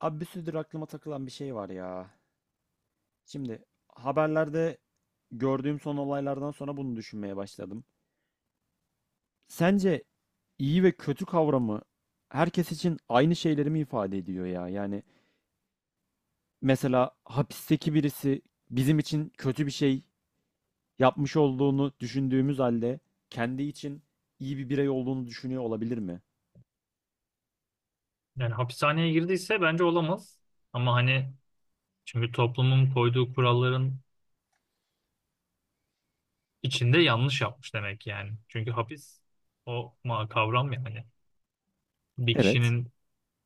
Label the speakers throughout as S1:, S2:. S1: Abi bir süredir aklıma takılan bir şey var ya. Şimdi haberlerde gördüğüm son olaylardan sonra bunu düşünmeye başladım. Sence iyi ve kötü kavramı herkes için aynı şeyleri mi ifade ediyor ya? Yani mesela hapisteki birisi bizim için kötü bir şey yapmış olduğunu düşündüğümüz halde kendi için iyi bir birey olduğunu düşünüyor olabilir mi?
S2: Yani hapishaneye girdiyse bence olamaz. Ama hani çünkü toplumun koyduğu kuralların içinde yanlış yapmış demek yani. Çünkü hapis o ma kavram yani. Bir
S1: Evet.
S2: kişinin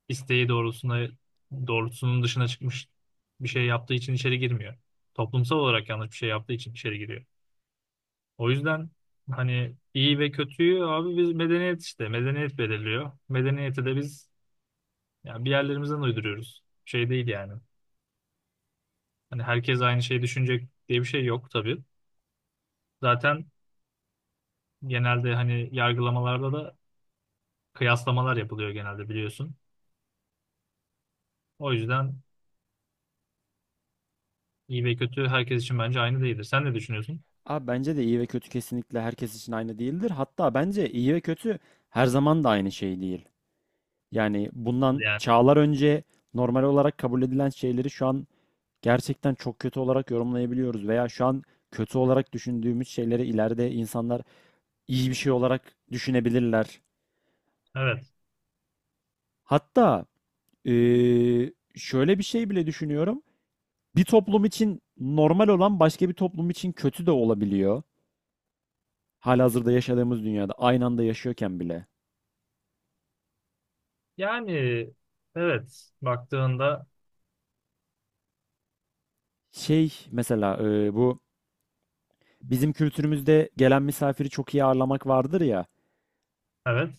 S2: isteği doğrultusunda doğrultusunun dışına çıkmış bir şey yaptığı için içeri girmiyor. Toplumsal olarak yanlış bir şey yaptığı için içeri giriyor. O yüzden hani iyi ve kötüyü abi biz medeniyet işte medeniyet belirliyor. Medeniyeti de biz yani bir yerlerimizden uyduruyoruz. Şey değil yani. Hani herkes aynı şeyi düşünecek diye bir şey yok tabii. Zaten genelde hani yargılamalarda da kıyaslamalar yapılıyor genelde biliyorsun. O yüzden iyi ve kötü herkes için bence aynı değildir. Sen ne düşünüyorsun?
S1: Abi bence de iyi ve kötü kesinlikle herkes için aynı değildir. Hatta bence iyi ve kötü her zaman da aynı şey değil. Yani bundan
S2: Yani
S1: çağlar önce normal olarak kabul edilen şeyleri şu an gerçekten çok kötü olarak yorumlayabiliyoruz veya şu an kötü olarak düşündüğümüz şeyleri ileride insanlar iyi bir şey olarak düşünebilirler.
S2: evet.
S1: Hatta şöyle bir şey bile düşünüyorum. Bir toplum için normal olan başka bir toplum için kötü de olabiliyor. Halihazırda yaşadığımız dünyada aynı anda yaşıyorken bile.
S2: Yani evet baktığında
S1: Şey mesela bu bizim kültürümüzde gelen misafiri çok iyi ağırlamak vardır ya.
S2: evet.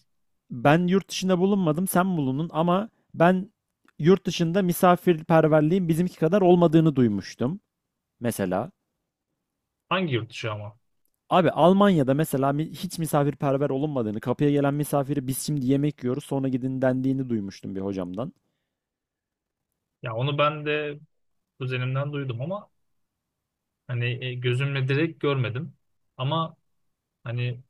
S1: Ben yurt dışında bulunmadım, sen bulundun ama ben yurt dışında misafirperverliğin bizimki kadar olmadığını duymuştum mesela.
S2: Hangi yurt dışı ama?
S1: Abi Almanya'da mesela hiç misafirperver olunmadığını, kapıya gelen misafiri biz şimdi yemek yiyoruz sonra gidin dendiğini duymuştum bir hocamdan.
S2: Ya onu ben de kuzenimden duydum ama hani gözümle direkt görmedim. Ama hani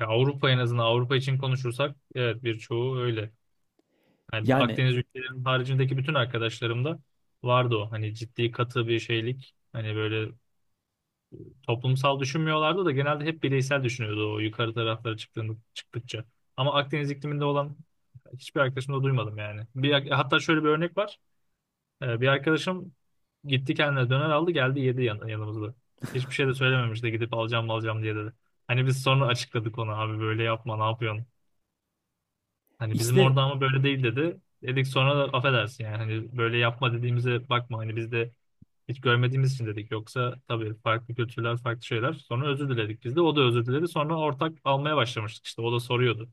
S2: ya Avrupa, en azından Avrupa için konuşursak evet birçoğu öyle. Yani
S1: Yani
S2: Akdeniz ülkelerinin haricindeki bütün arkadaşlarımda vardı o. Hani ciddi katı bir şeylik. Hani böyle toplumsal düşünmüyorlardı da genelde hep bireysel düşünüyordu o yukarı taraflara çıktığında, çıktıkça. Ama Akdeniz ikliminde olan hiçbir arkadaşımda duymadım yani. Bir, hatta şöyle bir örnek var. Bir arkadaşım gitti kendine döner aldı geldi yedi yanımızda. Hiçbir şey de söylememiş de gidip alacağım alacağım diye dedi. Hani biz sonra açıkladık ona abi böyle yapma ne yapıyorsun. Hani bizim
S1: işte.
S2: orada ama böyle değil dedi. Dedik sonra da affedersin yani hani böyle yapma dediğimize bakma hani biz de hiç görmediğimiz için dedik. Yoksa tabii farklı kültürler farklı şeyler. Sonra özür diledik biz de. O da özür diledi. Sonra ortak almaya başlamıştık işte. O da soruyordu.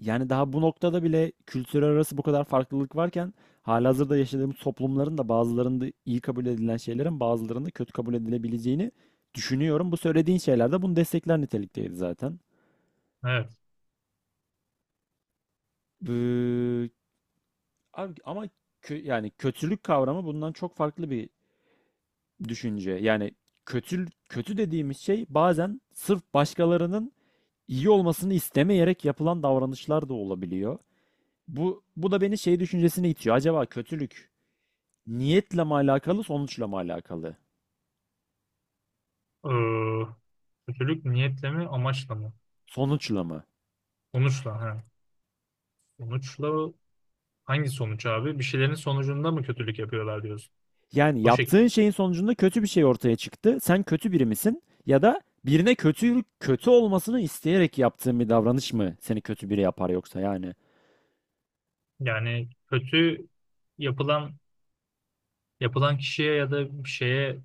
S1: Yani daha bu noktada bile kültürel arası bu kadar farklılık varken halihazırda yaşadığımız toplumların da bazılarında iyi kabul edilen şeylerin bazılarında kötü kabul edilebileceğini düşünüyorum. Bu söylediğin şeyler de bunu destekler nitelikteydi zaten.
S2: Evet.
S1: Ee, Abi ama yani kötülük kavramı bundan çok farklı bir düşünce. Yani kötü kötü dediğimiz şey bazen sırf başkalarının iyi olmasını istemeyerek yapılan davranışlar da olabiliyor. Bu da beni şey düşüncesine itiyor. Acaba kötülük niyetle mi alakalı, sonuçla mı alakalı?
S2: Ee, Kötülük niyetle mi amaçla mı?
S1: Sonuçla mı?
S2: Sonuçla. Ha. Sonuçla hangi sonuç abi? Bir şeylerin sonucunda mı kötülük yapıyorlar diyorsun?
S1: Yani
S2: O şekilde.
S1: yaptığın şeyin sonucunda kötü bir şey ortaya çıktı. Sen kötü biri misin? Ya da birine kötü kötü olmasını isteyerek yaptığın bir davranış mı seni kötü biri yapar yoksa yani?
S2: Yani kötü yapılan yapılan kişiye ya da bir şeye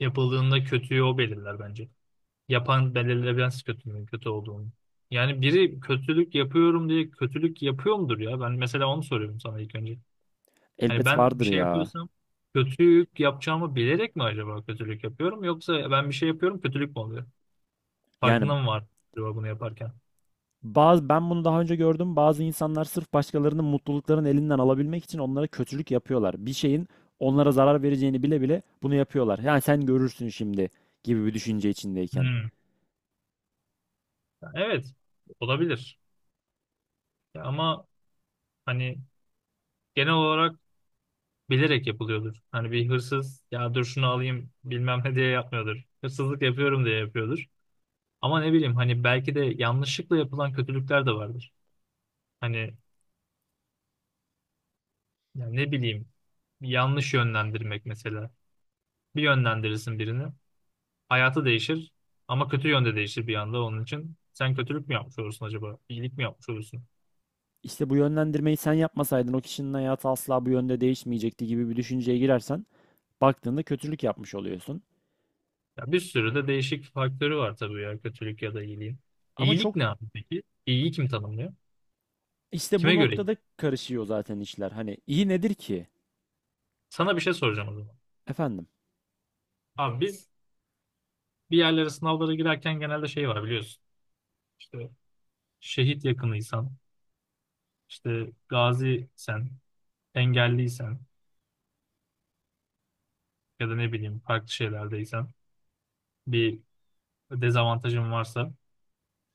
S2: yapıldığında kötüyü o belirler bence. Yapan belirlemez kötünün kötü olduğunu. Yani biri kötülük yapıyorum diye kötülük yapıyor mudur ya? Ben mesela onu soruyorum sana ilk önce. Hani
S1: Elbet
S2: ben bir
S1: vardır
S2: şey
S1: ya.
S2: yapıyorsam kötülük yapacağımı bilerek mi acaba kötülük yapıyorum? Yoksa ben bir şey yapıyorum kötülük mü oluyor?
S1: Yani
S2: Farkında mı var acaba bunu yaparken?
S1: bazı ben bunu daha önce gördüm. Bazı insanlar sırf başkalarının mutluluklarını elinden alabilmek için onlara kötülük yapıyorlar. Bir şeyin onlara zarar vereceğini bile bile bunu yapıyorlar. Yani sen görürsün şimdi gibi bir düşünce içindeyken.
S2: Hmm. Evet, olabilir. Ya ama hani genel olarak bilerek yapılıyordur. Hani bir hırsız ya dur şunu alayım bilmem ne diye yapmıyordur. Hırsızlık yapıyorum diye yapıyordur. Ama ne bileyim hani belki de yanlışlıkla yapılan kötülükler de vardır. Hani yani ne bileyim yanlış yönlendirmek mesela. Bir yönlendirirsin birini, hayatı değişir ama kötü yönde değişir bir anda onun için. Sen kötülük mü yapmış olursun acaba? İyilik mi yapmış olursun?
S1: İşte bu yönlendirmeyi sen yapmasaydın o kişinin hayatı asla bu yönde değişmeyecekti gibi bir düşünceye girersen baktığında kötülük yapmış oluyorsun.
S2: Ya bir sürü de değişik faktörü var tabii ya kötülük ya da iyiliğin.
S1: Ama
S2: İyilik
S1: çok
S2: ne abi peki? İyiyi kim tanımlıyor?
S1: işte bu
S2: Kime göre iyi?
S1: noktada karışıyor zaten işler. Hani iyi nedir ki?
S2: Sana bir şey soracağım o zaman.
S1: Efendim.
S2: Abi biz bir yerlere sınavlara girerken genelde şey var biliyorsun. İşte şehit yakınıysan, İşte gaziysen, engelliysen ya da ne bileyim farklı şeylerdeysen, bir dezavantajın varsa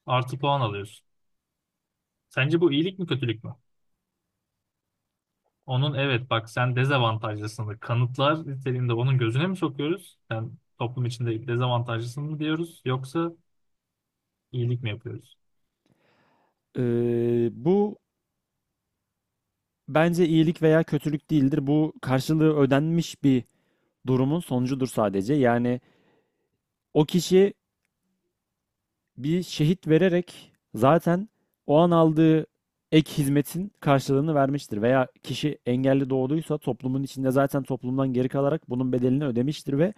S2: artı puan alıyorsun. Sence bu iyilik mi kötülük mü? Onun evet bak sen dezavantajlısın kanıtlar niteliğinde onun gözüne mi sokuyoruz? Sen toplum içinde dezavantajlısın mı diyoruz yoksa iyilik mi yapıyoruz?
S1: Bu bence iyilik veya kötülük değildir. Bu karşılığı ödenmiş bir durumun sonucudur sadece. Yani o kişi bir şehit vererek zaten o an aldığı ek hizmetin karşılığını vermiştir. Veya kişi engelli doğduysa toplumun içinde zaten toplumdan geri kalarak bunun bedelini ödemiştir ve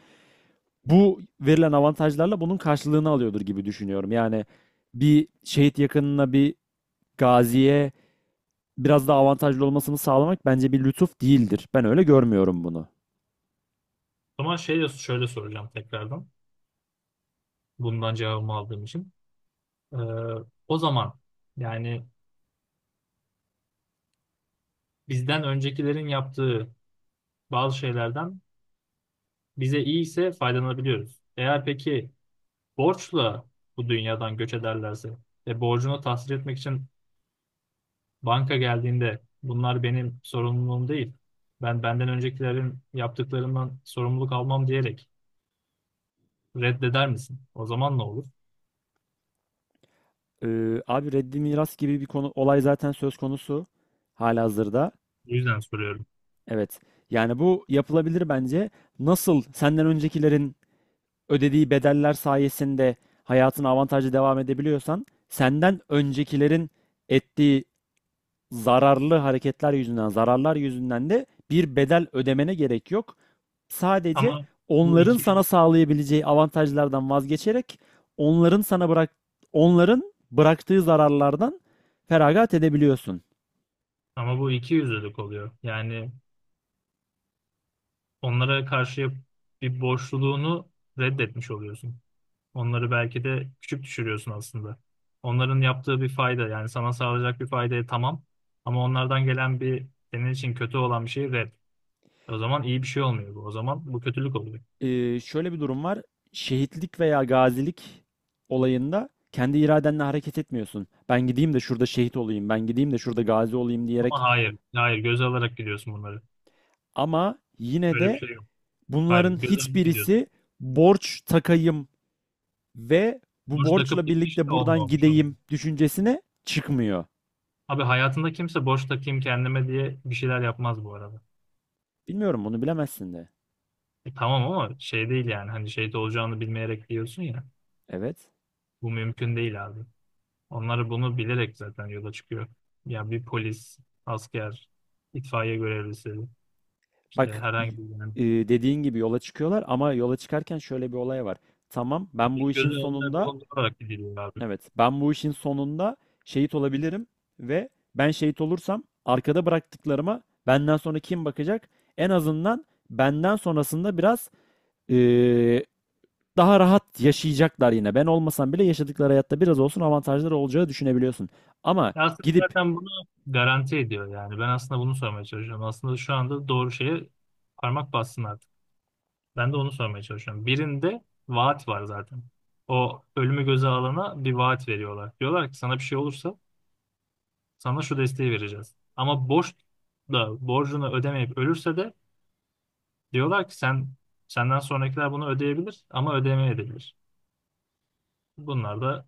S1: bu verilen avantajlarla bunun karşılığını alıyordur gibi düşünüyorum. Yani bir şehit yakınına, bir gaziye biraz daha avantajlı olmasını sağlamak bence bir lütuf değildir. Ben öyle görmüyorum bunu.
S2: O zaman şey, şöyle soracağım tekrardan bundan cevabımı aldığım için. Ee, O zaman yani bizden öncekilerin yaptığı bazı şeylerden bize iyi ise faydalanabiliyoruz. Eğer peki borçla bu dünyadan göç ederlerse ve borcunu tahsil etmek için banka geldiğinde bunlar benim sorumluluğum değil. Ben benden öncekilerin yaptıklarından sorumluluk almam diyerek reddeder misin? O zaman ne olur?
S1: Abi reddi miras gibi bir konu olay zaten söz konusu halihazırda.
S2: O yüzden soruyorum.
S1: Evet. Yani bu yapılabilir bence. Nasıl senden öncekilerin ödediği bedeller sayesinde hayatına avantajlı devam edebiliyorsan, senden öncekilerin ettiği zararlı hareketler yüzünden, zararlar yüzünden de bir bedel ödemene gerek yok. Sadece
S2: Ama bu
S1: onların
S2: iki
S1: sana sağlayabileceği avantajlardan vazgeçerek onların sana bırak onların bıraktığı zararlardan feragat edebiliyorsun.
S2: ama bu iki yüzlülük oluyor. Yani onlara karşı bir borçluluğunu reddetmiş oluyorsun. Onları belki de küçük düşürüyorsun aslında. Onların yaptığı bir fayda yani sana sağlayacak bir faydaya tamam ama onlardan gelen bir senin için kötü olan bir şey red. O zaman iyi bir şey olmuyor bu. O zaman bu kötülük oluyor.
S1: Şöyle bir durum var. Şehitlik veya gazilik olayında kendi iradenle hareket etmiyorsun. Ben gideyim de şurada şehit olayım, ben gideyim de şurada gazi olayım
S2: Ama
S1: diyerek.
S2: hayır, hayır göze alarak gidiyorsun bunları.
S1: Ama yine
S2: Böyle bir
S1: de
S2: şey yok. Hayır,
S1: bunların
S2: göze alıp gidiyorsun.
S1: hiçbirisi borç takayım ve bu
S2: Boş takıp
S1: borçla
S2: gitmiş
S1: birlikte
S2: de onunla
S1: buradan
S2: olmuş adam.
S1: gideyim düşüncesine çıkmıyor.
S2: Abi hayatında kimse boş takayım kendime diye bir şeyler yapmaz bu arada.
S1: Bilmiyorum, bunu bilemezsin de.
S2: E tamam ama şey değil yani hani şeyde olacağını bilmeyerek diyorsun ya.
S1: Evet.
S2: Bu mümkün değil abi. Onlar bunu bilerek zaten yola çıkıyor. Ya bir polis, asker, itfaiye görevlisi, işte
S1: Bak y-
S2: herhangi bir yani.
S1: e, Dediğin gibi yola çıkıyorlar ama yola çıkarken şöyle bir olay var. Tamam, ben bu
S2: Benim
S1: işin
S2: gözüm önüne
S1: sonunda...
S2: bulundurarak gidiliyor abi.
S1: Evet, ben bu işin sonunda şehit olabilirim ve ben şehit olursam arkada bıraktıklarıma benden sonra kim bakacak? En azından benden sonrasında biraz eee, daha rahat yaşayacaklar yine. Ben olmasam bile yaşadıkları hayatta biraz olsun avantajları olacağı düşünebiliyorsun. Ama
S2: Ya aslında
S1: gidip
S2: zaten bunu garanti ediyor yani. Ben aslında bunu sormaya çalışıyorum. Aslında şu anda doğru şeye parmak bassın artık. Ben de onu sormaya çalışıyorum. Birinde vaat var zaten. O ölümü göze alana bir vaat veriyorlar. Diyorlar ki sana bir şey olursa sana şu desteği vereceğiz. Ama borç da borcunu ödemeyip ölürse de diyorlar ki sen, senden sonrakiler bunu ödeyebilir ama ödemeyebilir. Bunlar da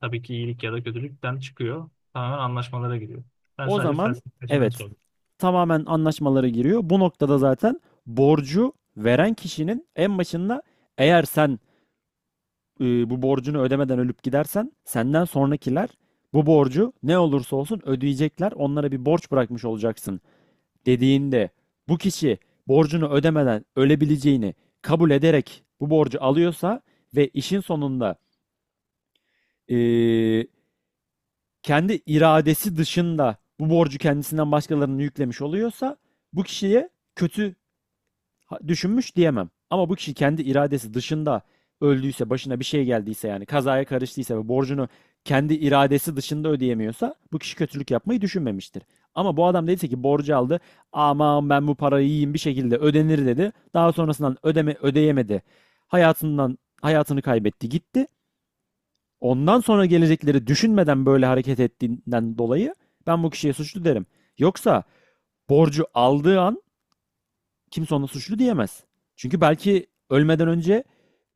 S2: tabii ki iyilik ya da kötülükten çıkıyor. Tamamen anlaşmalara giriyor. Ben
S1: o
S2: sadece
S1: zaman,
S2: felsefeciden
S1: evet,
S2: sordum.
S1: tamamen anlaşmalara giriyor. Bu noktada zaten borcu veren kişinin en başında eğer sen bu borcunu ödemeden ölüp gidersen senden sonrakiler bu borcu ne olursa olsun ödeyecekler. Onlara bir borç bırakmış olacaksın dediğinde bu kişi borcunu ödemeden ölebileceğini kabul ederek bu borcu alıyorsa ve işin sonunda e, kendi iradesi dışında bu borcu kendisinden başkalarını yüklemiş oluyorsa bu kişiye kötü düşünmüş diyemem. Ama bu kişi kendi iradesi dışında öldüyse, başına bir şey geldiyse, yani kazaya karıştıysa ve borcunu kendi iradesi dışında ödeyemiyorsa bu kişi kötülük yapmayı düşünmemiştir. Ama bu adam dediyse ki borcu aldı. Aman ben bu parayı yiyeyim bir şekilde ödenir dedi. Daha sonrasından ödeyemedi. Hayatını kaybetti, gitti. Ondan sonra gelecekleri düşünmeden böyle hareket ettiğinden dolayı ben bu kişiye suçlu derim. Yoksa borcu aldığı an kimse ona suçlu diyemez. Çünkü belki ölmeden önce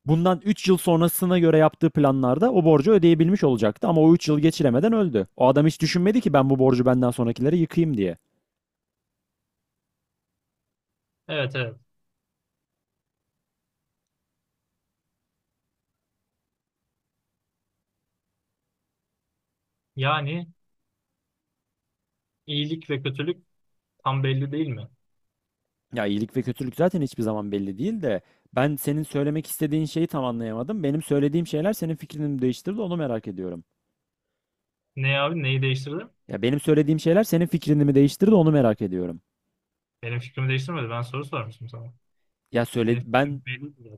S1: bundan 3 yıl sonrasına göre yaptığı planlarda o borcu ödeyebilmiş olacaktı ama o 3 yıl geçiremeden öldü. O adam hiç düşünmedi ki ben bu borcu benden sonrakilere yıkayım diye.
S2: Evet, evet. Yani iyilik ve kötülük tam belli değil mi?
S1: Ya iyilik ve kötülük zaten hiçbir zaman belli değil de ben senin söylemek istediğin şeyi tam anlayamadım. Benim söylediğim şeyler senin fikrini mi değiştirdi, onu merak ediyorum.
S2: Ne abi neyi değiştirdi?
S1: Ya benim söylediğim şeyler senin fikrini mi değiştirdi, onu merak ediyorum.
S2: Benim fikrimi değiştirmedi. Ben soru sormuştum sana.
S1: Ya söyle
S2: Benim
S1: ben
S2: fikrim belli değil.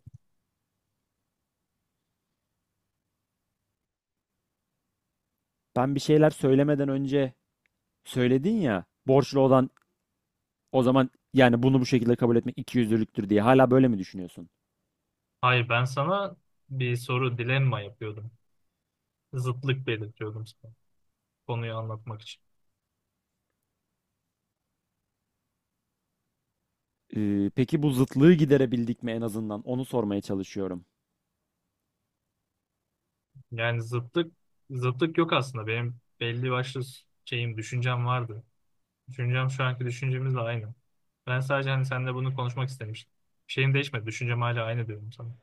S1: Ben bir şeyler söylemeden önce söyledin ya borçlu olan... O zaman yani bunu bu şekilde kabul etmek ikiyüzlülüktür diye hala böyle mi düşünüyorsun?
S2: Hayır ben sana bir soru dilemma yapıyordum. Zıtlık belirtiyordum sana. Konuyu anlatmak için.
S1: Peki bu zıtlığı giderebildik mi en azından? Onu sormaya çalışıyorum.
S2: Yani zıtlık yok aslında. Benim belli başlı şeyim, düşüncem vardı. Düşüncem şu anki düşüncemizle aynı. Ben sadece hani seninle bunu konuşmak istemiştim. Şeyim değişmedi. Düşüncem hala aynı diyorum sana.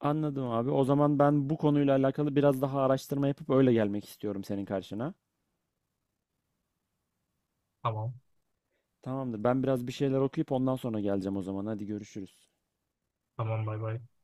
S1: Anladım abi. O zaman ben bu konuyla alakalı biraz daha araştırma yapıp öyle gelmek istiyorum senin karşına.
S2: Tamam.
S1: Tamamdır. Ben biraz bir şeyler okuyup ondan sonra geleceğim o zaman. Hadi görüşürüz.
S2: Tamam bay bay.